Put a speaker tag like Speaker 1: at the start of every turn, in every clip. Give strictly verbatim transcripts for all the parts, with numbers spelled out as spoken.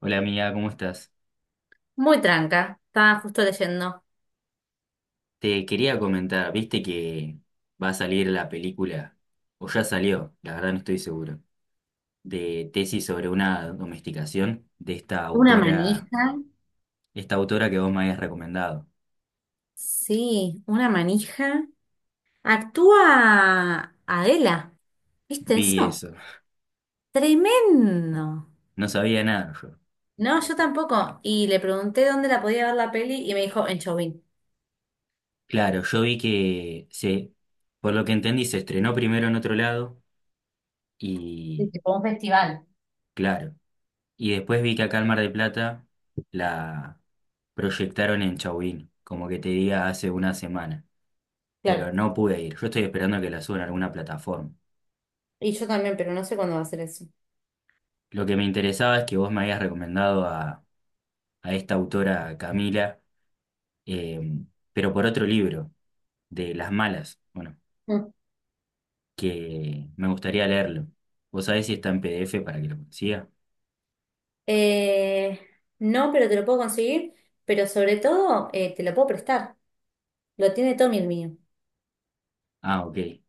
Speaker 1: Hola amiga, ¿cómo estás?
Speaker 2: Muy tranca, estaba justo leyendo.
Speaker 1: Te quería comentar, viste que va a salir la película, o ya salió, la verdad no estoy seguro, de tesis sobre una domesticación de esta
Speaker 2: Una
Speaker 1: autora,
Speaker 2: manija,
Speaker 1: esta autora que vos me habías recomendado.
Speaker 2: sí, una manija. Actúa Adela, ¿viste
Speaker 1: Vi
Speaker 2: eso?
Speaker 1: eso,
Speaker 2: Tremendo.
Speaker 1: no sabía nada yo.
Speaker 2: No, yo tampoco. Y le pregunté dónde la podía ver la peli y me dijo en Chauvin.
Speaker 1: Claro, yo vi que se, por lo que entendí, se estrenó primero en otro lado
Speaker 2: Sí,
Speaker 1: y
Speaker 2: tipo un festival.
Speaker 1: claro, y después vi que acá en Mar del Plata la proyectaron en Chauvin, como que te diga hace una semana.
Speaker 2: Claro.
Speaker 1: Pero no pude ir. Yo estoy esperando que la suban a alguna plataforma.
Speaker 2: Y yo también, pero no sé cuándo va a ser eso.
Speaker 1: Lo que me interesaba es que vos me habías recomendado a, a esta autora Camila, eh, pero por otro libro, de Las Malas, bueno,
Speaker 2: Mm.
Speaker 1: que me gustaría leerlo. ¿Vos sabés si está en PDF para que lo consiga?
Speaker 2: Eh, no, pero te lo puedo conseguir, pero sobre todo eh, te lo puedo prestar. Lo tiene Tommy el mío.
Speaker 1: Ah, ok.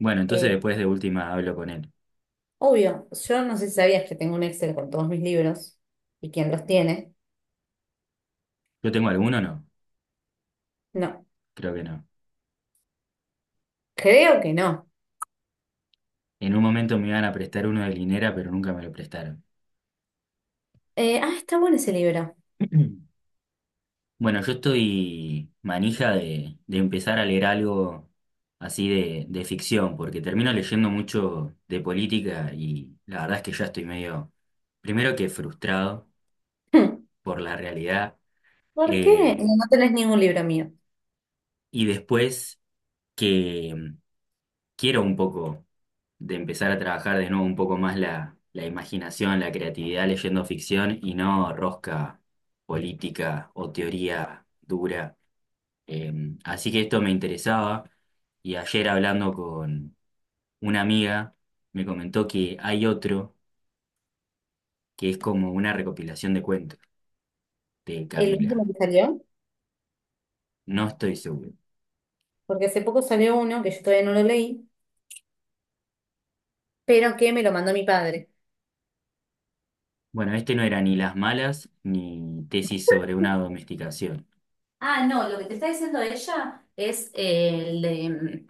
Speaker 1: Bueno, entonces
Speaker 2: Eh,
Speaker 1: después de última hablo con él.
Speaker 2: Obvio, yo no sé si sabías que tengo un Excel con todos mis libros y quién los tiene.
Speaker 1: ¿Yo tengo alguno o no?
Speaker 2: No,
Speaker 1: Creo que no.
Speaker 2: creo que no.
Speaker 1: En un momento me iban a prestar uno de Linera, pero nunca me lo prestaron.
Speaker 2: Eh, ah, está bueno ese libro.
Speaker 1: Bueno, yo estoy manija de, de empezar a leer algo así de, de ficción, porque termino leyendo mucho de política y la verdad es que ya estoy medio, primero que frustrado
Speaker 2: Hmm.
Speaker 1: por la realidad,
Speaker 2: ¿Por qué? No,
Speaker 1: eh,
Speaker 2: no tenés ningún libro mío.
Speaker 1: y después que mm, quiero un poco de empezar a trabajar de nuevo un poco más la, la imaginación, la creatividad leyendo ficción y no rosca política o teoría dura. Eh, Así que esto me interesaba y ayer hablando con una amiga me comentó que hay otro que es como una recopilación de cuentos de
Speaker 2: El último
Speaker 1: Camila.
Speaker 2: que salió,
Speaker 1: No estoy seguro.
Speaker 2: porque hace poco salió uno que yo todavía no lo leí, pero que me lo mandó mi padre.
Speaker 1: Bueno, este no era ni Las Malas ni Tesis sobre una domesticación.
Speaker 2: Ah, no, lo que te está diciendo ella es eh, el de, mm,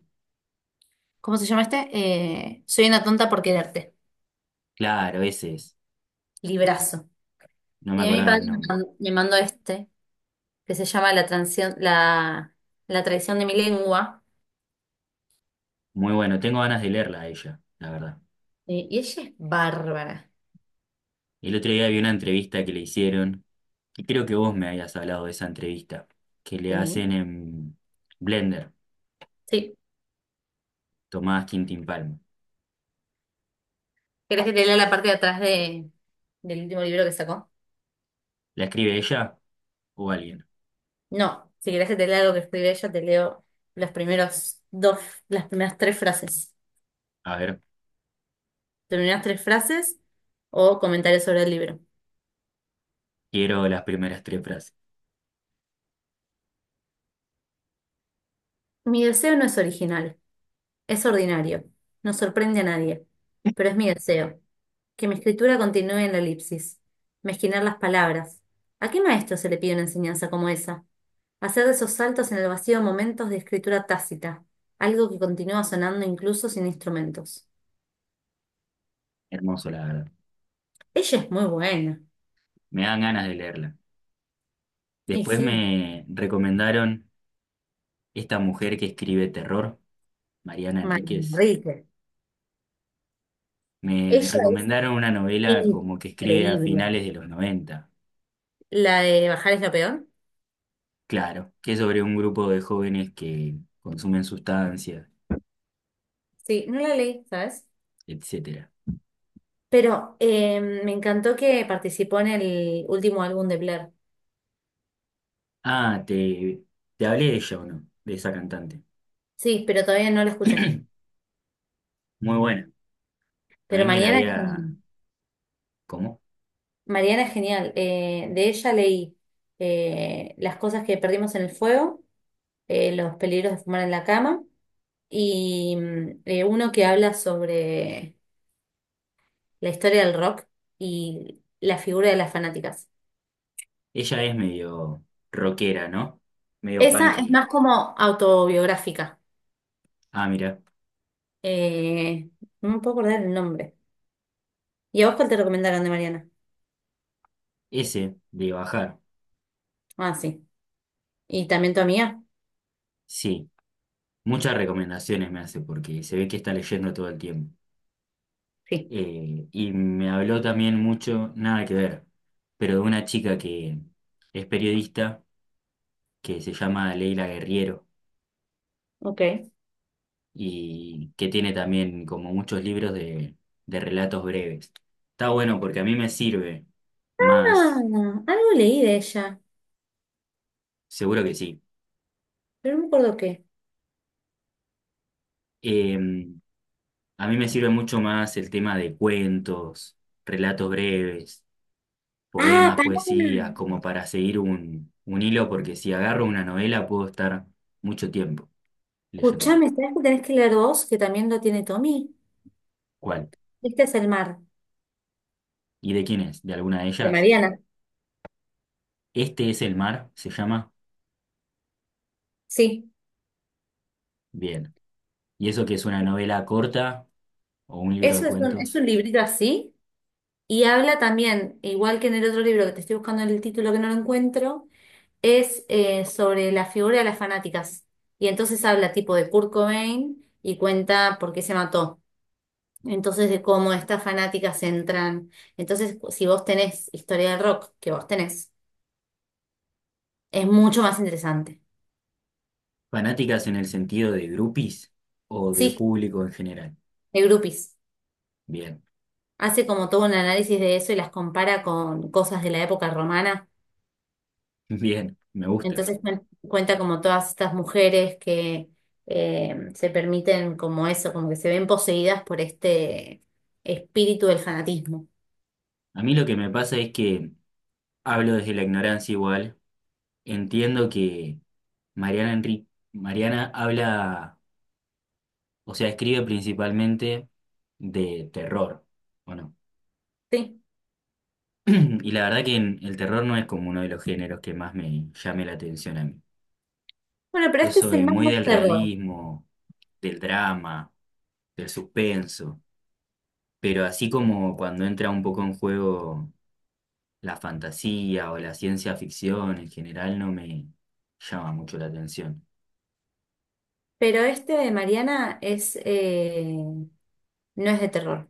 Speaker 2: ¿cómo se llama este? Eh, Soy una tonta por quererte.
Speaker 1: Claro, ese es.
Speaker 2: Librazo.
Speaker 1: No me
Speaker 2: Y a mi
Speaker 1: acordaba
Speaker 2: padre
Speaker 1: el
Speaker 2: me
Speaker 1: nombre.
Speaker 2: mandó, me mandó este, que se llama La transición, la, la traición de mi lengua.
Speaker 1: Muy bueno, tengo ganas de leerla a ella, la verdad.
Speaker 2: Eh, y ella es bárbara.
Speaker 1: El otro día vi una entrevista que le hicieron, que creo que vos me habías hablado de esa entrevista, que le
Speaker 2: Sí.
Speaker 1: hacen en Blender,
Speaker 2: Sí.
Speaker 1: Tomás Quintín Palma.
Speaker 2: ¿Querés que te lea la parte de atrás de, del último libro que sacó?
Speaker 1: ¿La escribe ella o alguien?
Speaker 2: No. Si querés que te lea lo que escribió ella, te leo los primeros dos, las primeras tres frases.
Speaker 1: A ver,
Speaker 2: Las primeras tres frases o comentarios sobre el libro.
Speaker 1: quiero las primeras tres frases.
Speaker 2: Mi deseo no es original, es ordinario. No sorprende a nadie, pero es mi deseo. Que mi escritura continúe en la elipsis. Mezquinar las palabras. ¿A qué maestro se le pide una enseñanza como esa? Hacer de esos saltos en el vacío momentos de escritura tácita, algo que continúa sonando incluso sin instrumentos.
Speaker 1: Hermoso, la verdad.
Speaker 2: Ella es muy buena.
Speaker 1: Me dan ganas de leerla.
Speaker 2: Y
Speaker 1: Después
Speaker 2: sí.
Speaker 1: me recomendaron esta mujer que escribe terror, Mariana
Speaker 2: María
Speaker 1: Enríquez.
Speaker 2: Enrique.
Speaker 1: Me, me
Speaker 2: Ella es
Speaker 1: recomendaron una novela como que escribe a
Speaker 2: increíble.
Speaker 1: finales de los noventa.
Speaker 2: La de Bajar es lo peor.
Speaker 1: Claro, que es sobre un grupo de jóvenes que consumen sustancias,
Speaker 2: Sí, no la leí, ¿sabes?
Speaker 1: etcétera.
Speaker 2: Pero eh, me encantó que participó en el último álbum de Blair.
Speaker 1: Ah, te, te hablé de ella o no, de esa cantante.
Speaker 2: Sí, pero todavía no la escuché.
Speaker 1: Muy buena. A
Speaker 2: Pero
Speaker 1: mí me la
Speaker 2: mañana es
Speaker 1: había...
Speaker 2: genial.
Speaker 1: ¿Cómo?
Speaker 2: Mariana es genial. Eh, de ella leí eh, las cosas que perdimos en el fuego, eh, los peligros de fumar en la cama y mm, eh, uno que habla sobre la historia del rock y la figura de las fanáticas.
Speaker 1: Ella es medio rockera, ¿no? Medio
Speaker 2: Esa es
Speaker 1: punky.
Speaker 2: más como autobiográfica.
Speaker 1: Ah, mira,
Speaker 2: Eh, no me puedo acordar el nombre. ¿Y a vos cuál te recomendaron de Mariana?
Speaker 1: ese de bajar.
Speaker 2: Ah, sí. ¿Y también tu amiga?
Speaker 1: Sí, muchas recomendaciones me hace porque se ve que está leyendo todo el tiempo.
Speaker 2: Sí.
Speaker 1: Eh, y me habló también mucho, nada que ver, pero de una chica que es periodista, que se llama Leila Guerriero
Speaker 2: Ok.
Speaker 1: y que tiene también como muchos libros de, de relatos breves. Está bueno porque a mí me sirve más,
Speaker 2: Ah, algo leí de ella,
Speaker 1: seguro que sí.
Speaker 2: pero no me acuerdo qué.
Speaker 1: Eh, A mí me sirve mucho más el tema de cuentos, relatos breves,
Speaker 2: Ah,
Speaker 1: poemas,
Speaker 2: pará.
Speaker 1: poesías, como para seguir un, un hilo, porque si agarro una novela puedo estar mucho tiempo leyéndola.
Speaker 2: Escuchame, ¿sabes que tenés que leer vos? Que también lo tiene Tommy.
Speaker 1: ¿Cuál?
Speaker 2: Este es el mar,
Speaker 1: ¿Y de quién es? ¿De alguna de
Speaker 2: de
Speaker 1: ellas?
Speaker 2: Mariana.
Speaker 1: Este es el mar, se llama.
Speaker 2: Sí.
Speaker 1: Bien. ¿Y eso que es una novela corta o un libro de
Speaker 2: Eso es un, es
Speaker 1: cuentos?
Speaker 2: un librito así. Y habla también, igual que en el otro libro que te estoy buscando el título que no lo encuentro, es eh, sobre la figura de las fanáticas. Y entonces habla tipo de Kurt Cobain y cuenta por qué se mató. Entonces de cómo estas fanáticas entran. Entonces, si vos tenés historia del rock, que vos tenés, es mucho más interesante.
Speaker 1: ¿Fanáticas en el sentido de grupis o de
Speaker 2: Sí,
Speaker 1: público en general?
Speaker 2: de groupies.
Speaker 1: Bien,
Speaker 2: Hace como todo un análisis de eso y las compara con cosas de la época romana.
Speaker 1: bien, me gusta.
Speaker 2: Entonces cuen- cuenta como todas estas mujeres que eh, se permiten como eso, como que se ven poseídas por este espíritu del fanatismo.
Speaker 1: A mí lo que me pasa es que hablo desde la ignorancia igual. Entiendo que Mariana Enri- Mariana habla, o sea, escribe principalmente de terror, ¿o no?
Speaker 2: Sí.
Speaker 1: Y la verdad que en- el terror no es como uno de los géneros que más me llame la atención a mí.
Speaker 2: Bueno, pero
Speaker 1: Yo
Speaker 2: este es el
Speaker 1: soy
Speaker 2: más
Speaker 1: muy
Speaker 2: de
Speaker 1: del
Speaker 2: terror.
Speaker 1: realismo, del drama, del suspenso, pero así como cuando entra un poco en juego la fantasía o la ciencia ficción en general no me llama mucho la atención.
Speaker 2: Pero este de Mariana es eh, no es de terror.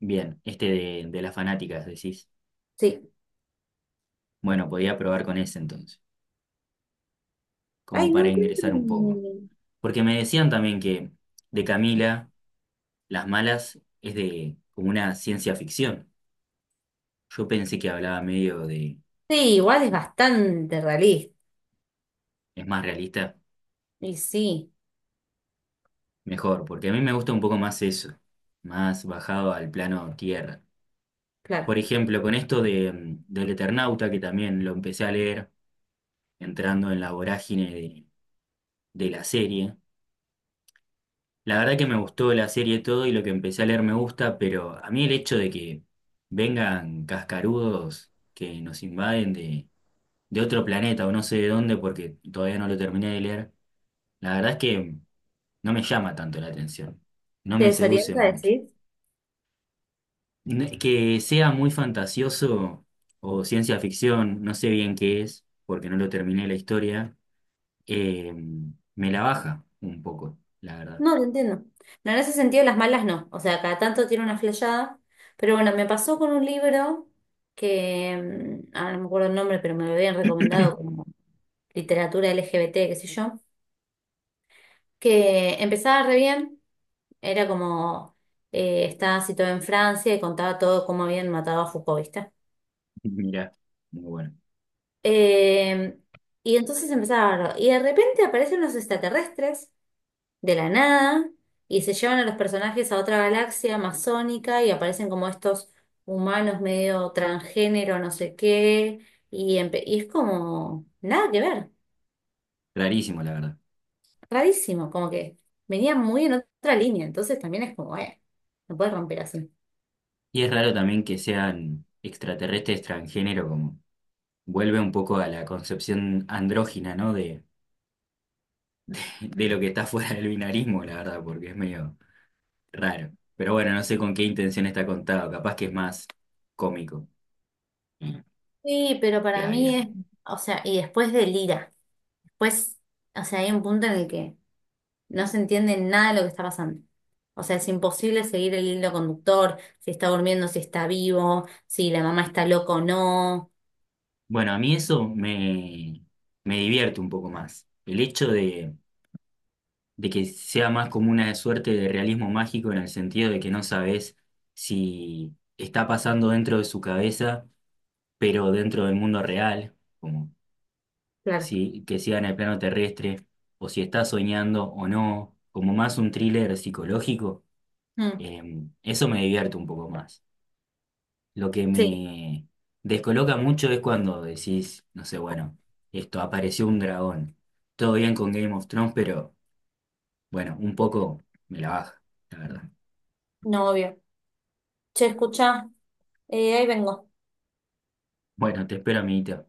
Speaker 1: Bien, este de, de las fanáticas, decís.
Speaker 2: Sí.
Speaker 1: Bueno, podía probar con ese entonces, como
Speaker 2: Ay, no
Speaker 1: para
Speaker 2: encuentro.
Speaker 1: ingresar un poco.
Speaker 2: un-
Speaker 1: Porque me decían también que de Camila, Las Malas es de como una ciencia ficción. Yo pensé que hablaba medio de,
Speaker 2: Sí, igual es bastante realista.
Speaker 1: es más realista,
Speaker 2: Y sí,
Speaker 1: mejor, porque a mí me gusta un poco más eso, más bajado al plano tierra. Por
Speaker 2: claro.
Speaker 1: ejemplo, con esto de, mm, del Eternauta, que también lo empecé a leer entrando en la vorágine de, de la serie. La verdad que me gustó la serie todo y lo que empecé a leer me gusta, pero a mí el hecho de que vengan cascarudos que nos invaden de, de otro planeta o no sé de dónde porque todavía no lo terminé de leer, la verdad es que no me llama tanto la atención, no
Speaker 2: ¿Te
Speaker 1: me seduce
Speaker 2: desorienta
Speaker 1: mucho.
Speaker 2: decir?
Speaker 1: N- Que sea muy fantasioso o ciencia ficción, no sé bien qué es, porque no lo terminé la historia, eh, me la baja un poco, la verdad.
Speaker 2: No, lo entiendo. No, en ese sentido las malas no. O sea, cada tanto tiene una flashada. Pero bueno, me pasó con un libro que, mm, ahora no me acuerdo el nombre, pero me lo habían recomendado como literatura L G B T, qué sé yo, que empezaba re bien. Era como, eh, estaba situado en Francia y contaba todo cómo habían matado a Foucault, ¿viste?
Speaker 1: Mirá, muy bueno,
Speaker 2: Eh, y entonces empezaba a hablar. Y de repente aparecen unos extraterrestres de la nada y se llevan a los personajes a otra galaxia amazónica y aparecen como estos humanos medio transgénero, no sé qué, y, empe- y es como nada que ver,
Speaker 1: rarísimo la verdad.
Speaker 2: rarísimo, como que venía muy en otra línea, entonces también es como, eh, no puedes romper así.
Speaker 1: Y es raro también que sean extraterrestres transgénero, como vuelve un poco a la concepción andrógina, ¿no? De, de lo que está fuera del binarismo, la verdad, porque es medio raro. Pero bueno, no sé con qué intención está contado, capaz que es más cómico. Mm,
Speaker 2: Sí, pero para
Speaker 1: Queda
Speaker 2: mí es,
Speaker 1: bien.
Speaker 2: o sea, y después de Lira, después, o sea, hay un punto en el que no se entiende nada de lo que está pasando. O sea, es imposible seguir el hilo conductor, si está durmiendo, si está vivo, si la mamá está loca o no.
Speaker 1: Bueno, a mí eso me, me divierte un poco más. El hecho de, de que sea más como una suerte de realismo mágico en el sentido de que no sabes si está pasando dentro de su cabeza pero dentro del mundo real, como
Speaker 2: Claro.
Speaker 1: si que sea en el plano terrestre, o si está soñando o no, como más un thriller psicológico,
Speaker 2: Mm,
Speaker 1: eh, eso me divierte un poco más. Lo que
Speaker 2: sí,
Speaker 1: me descoloca mucho es cuando decís, no sé, bueno, esto apareció un dragón. Todo bien con Game of Thrones, pero bueno, un poco me la baja, la verdad.
Speaker 2: no, obvio. Che, escuchá, eh, ahí vengo.
Speaker 1: Bueno, te espero, amiguito.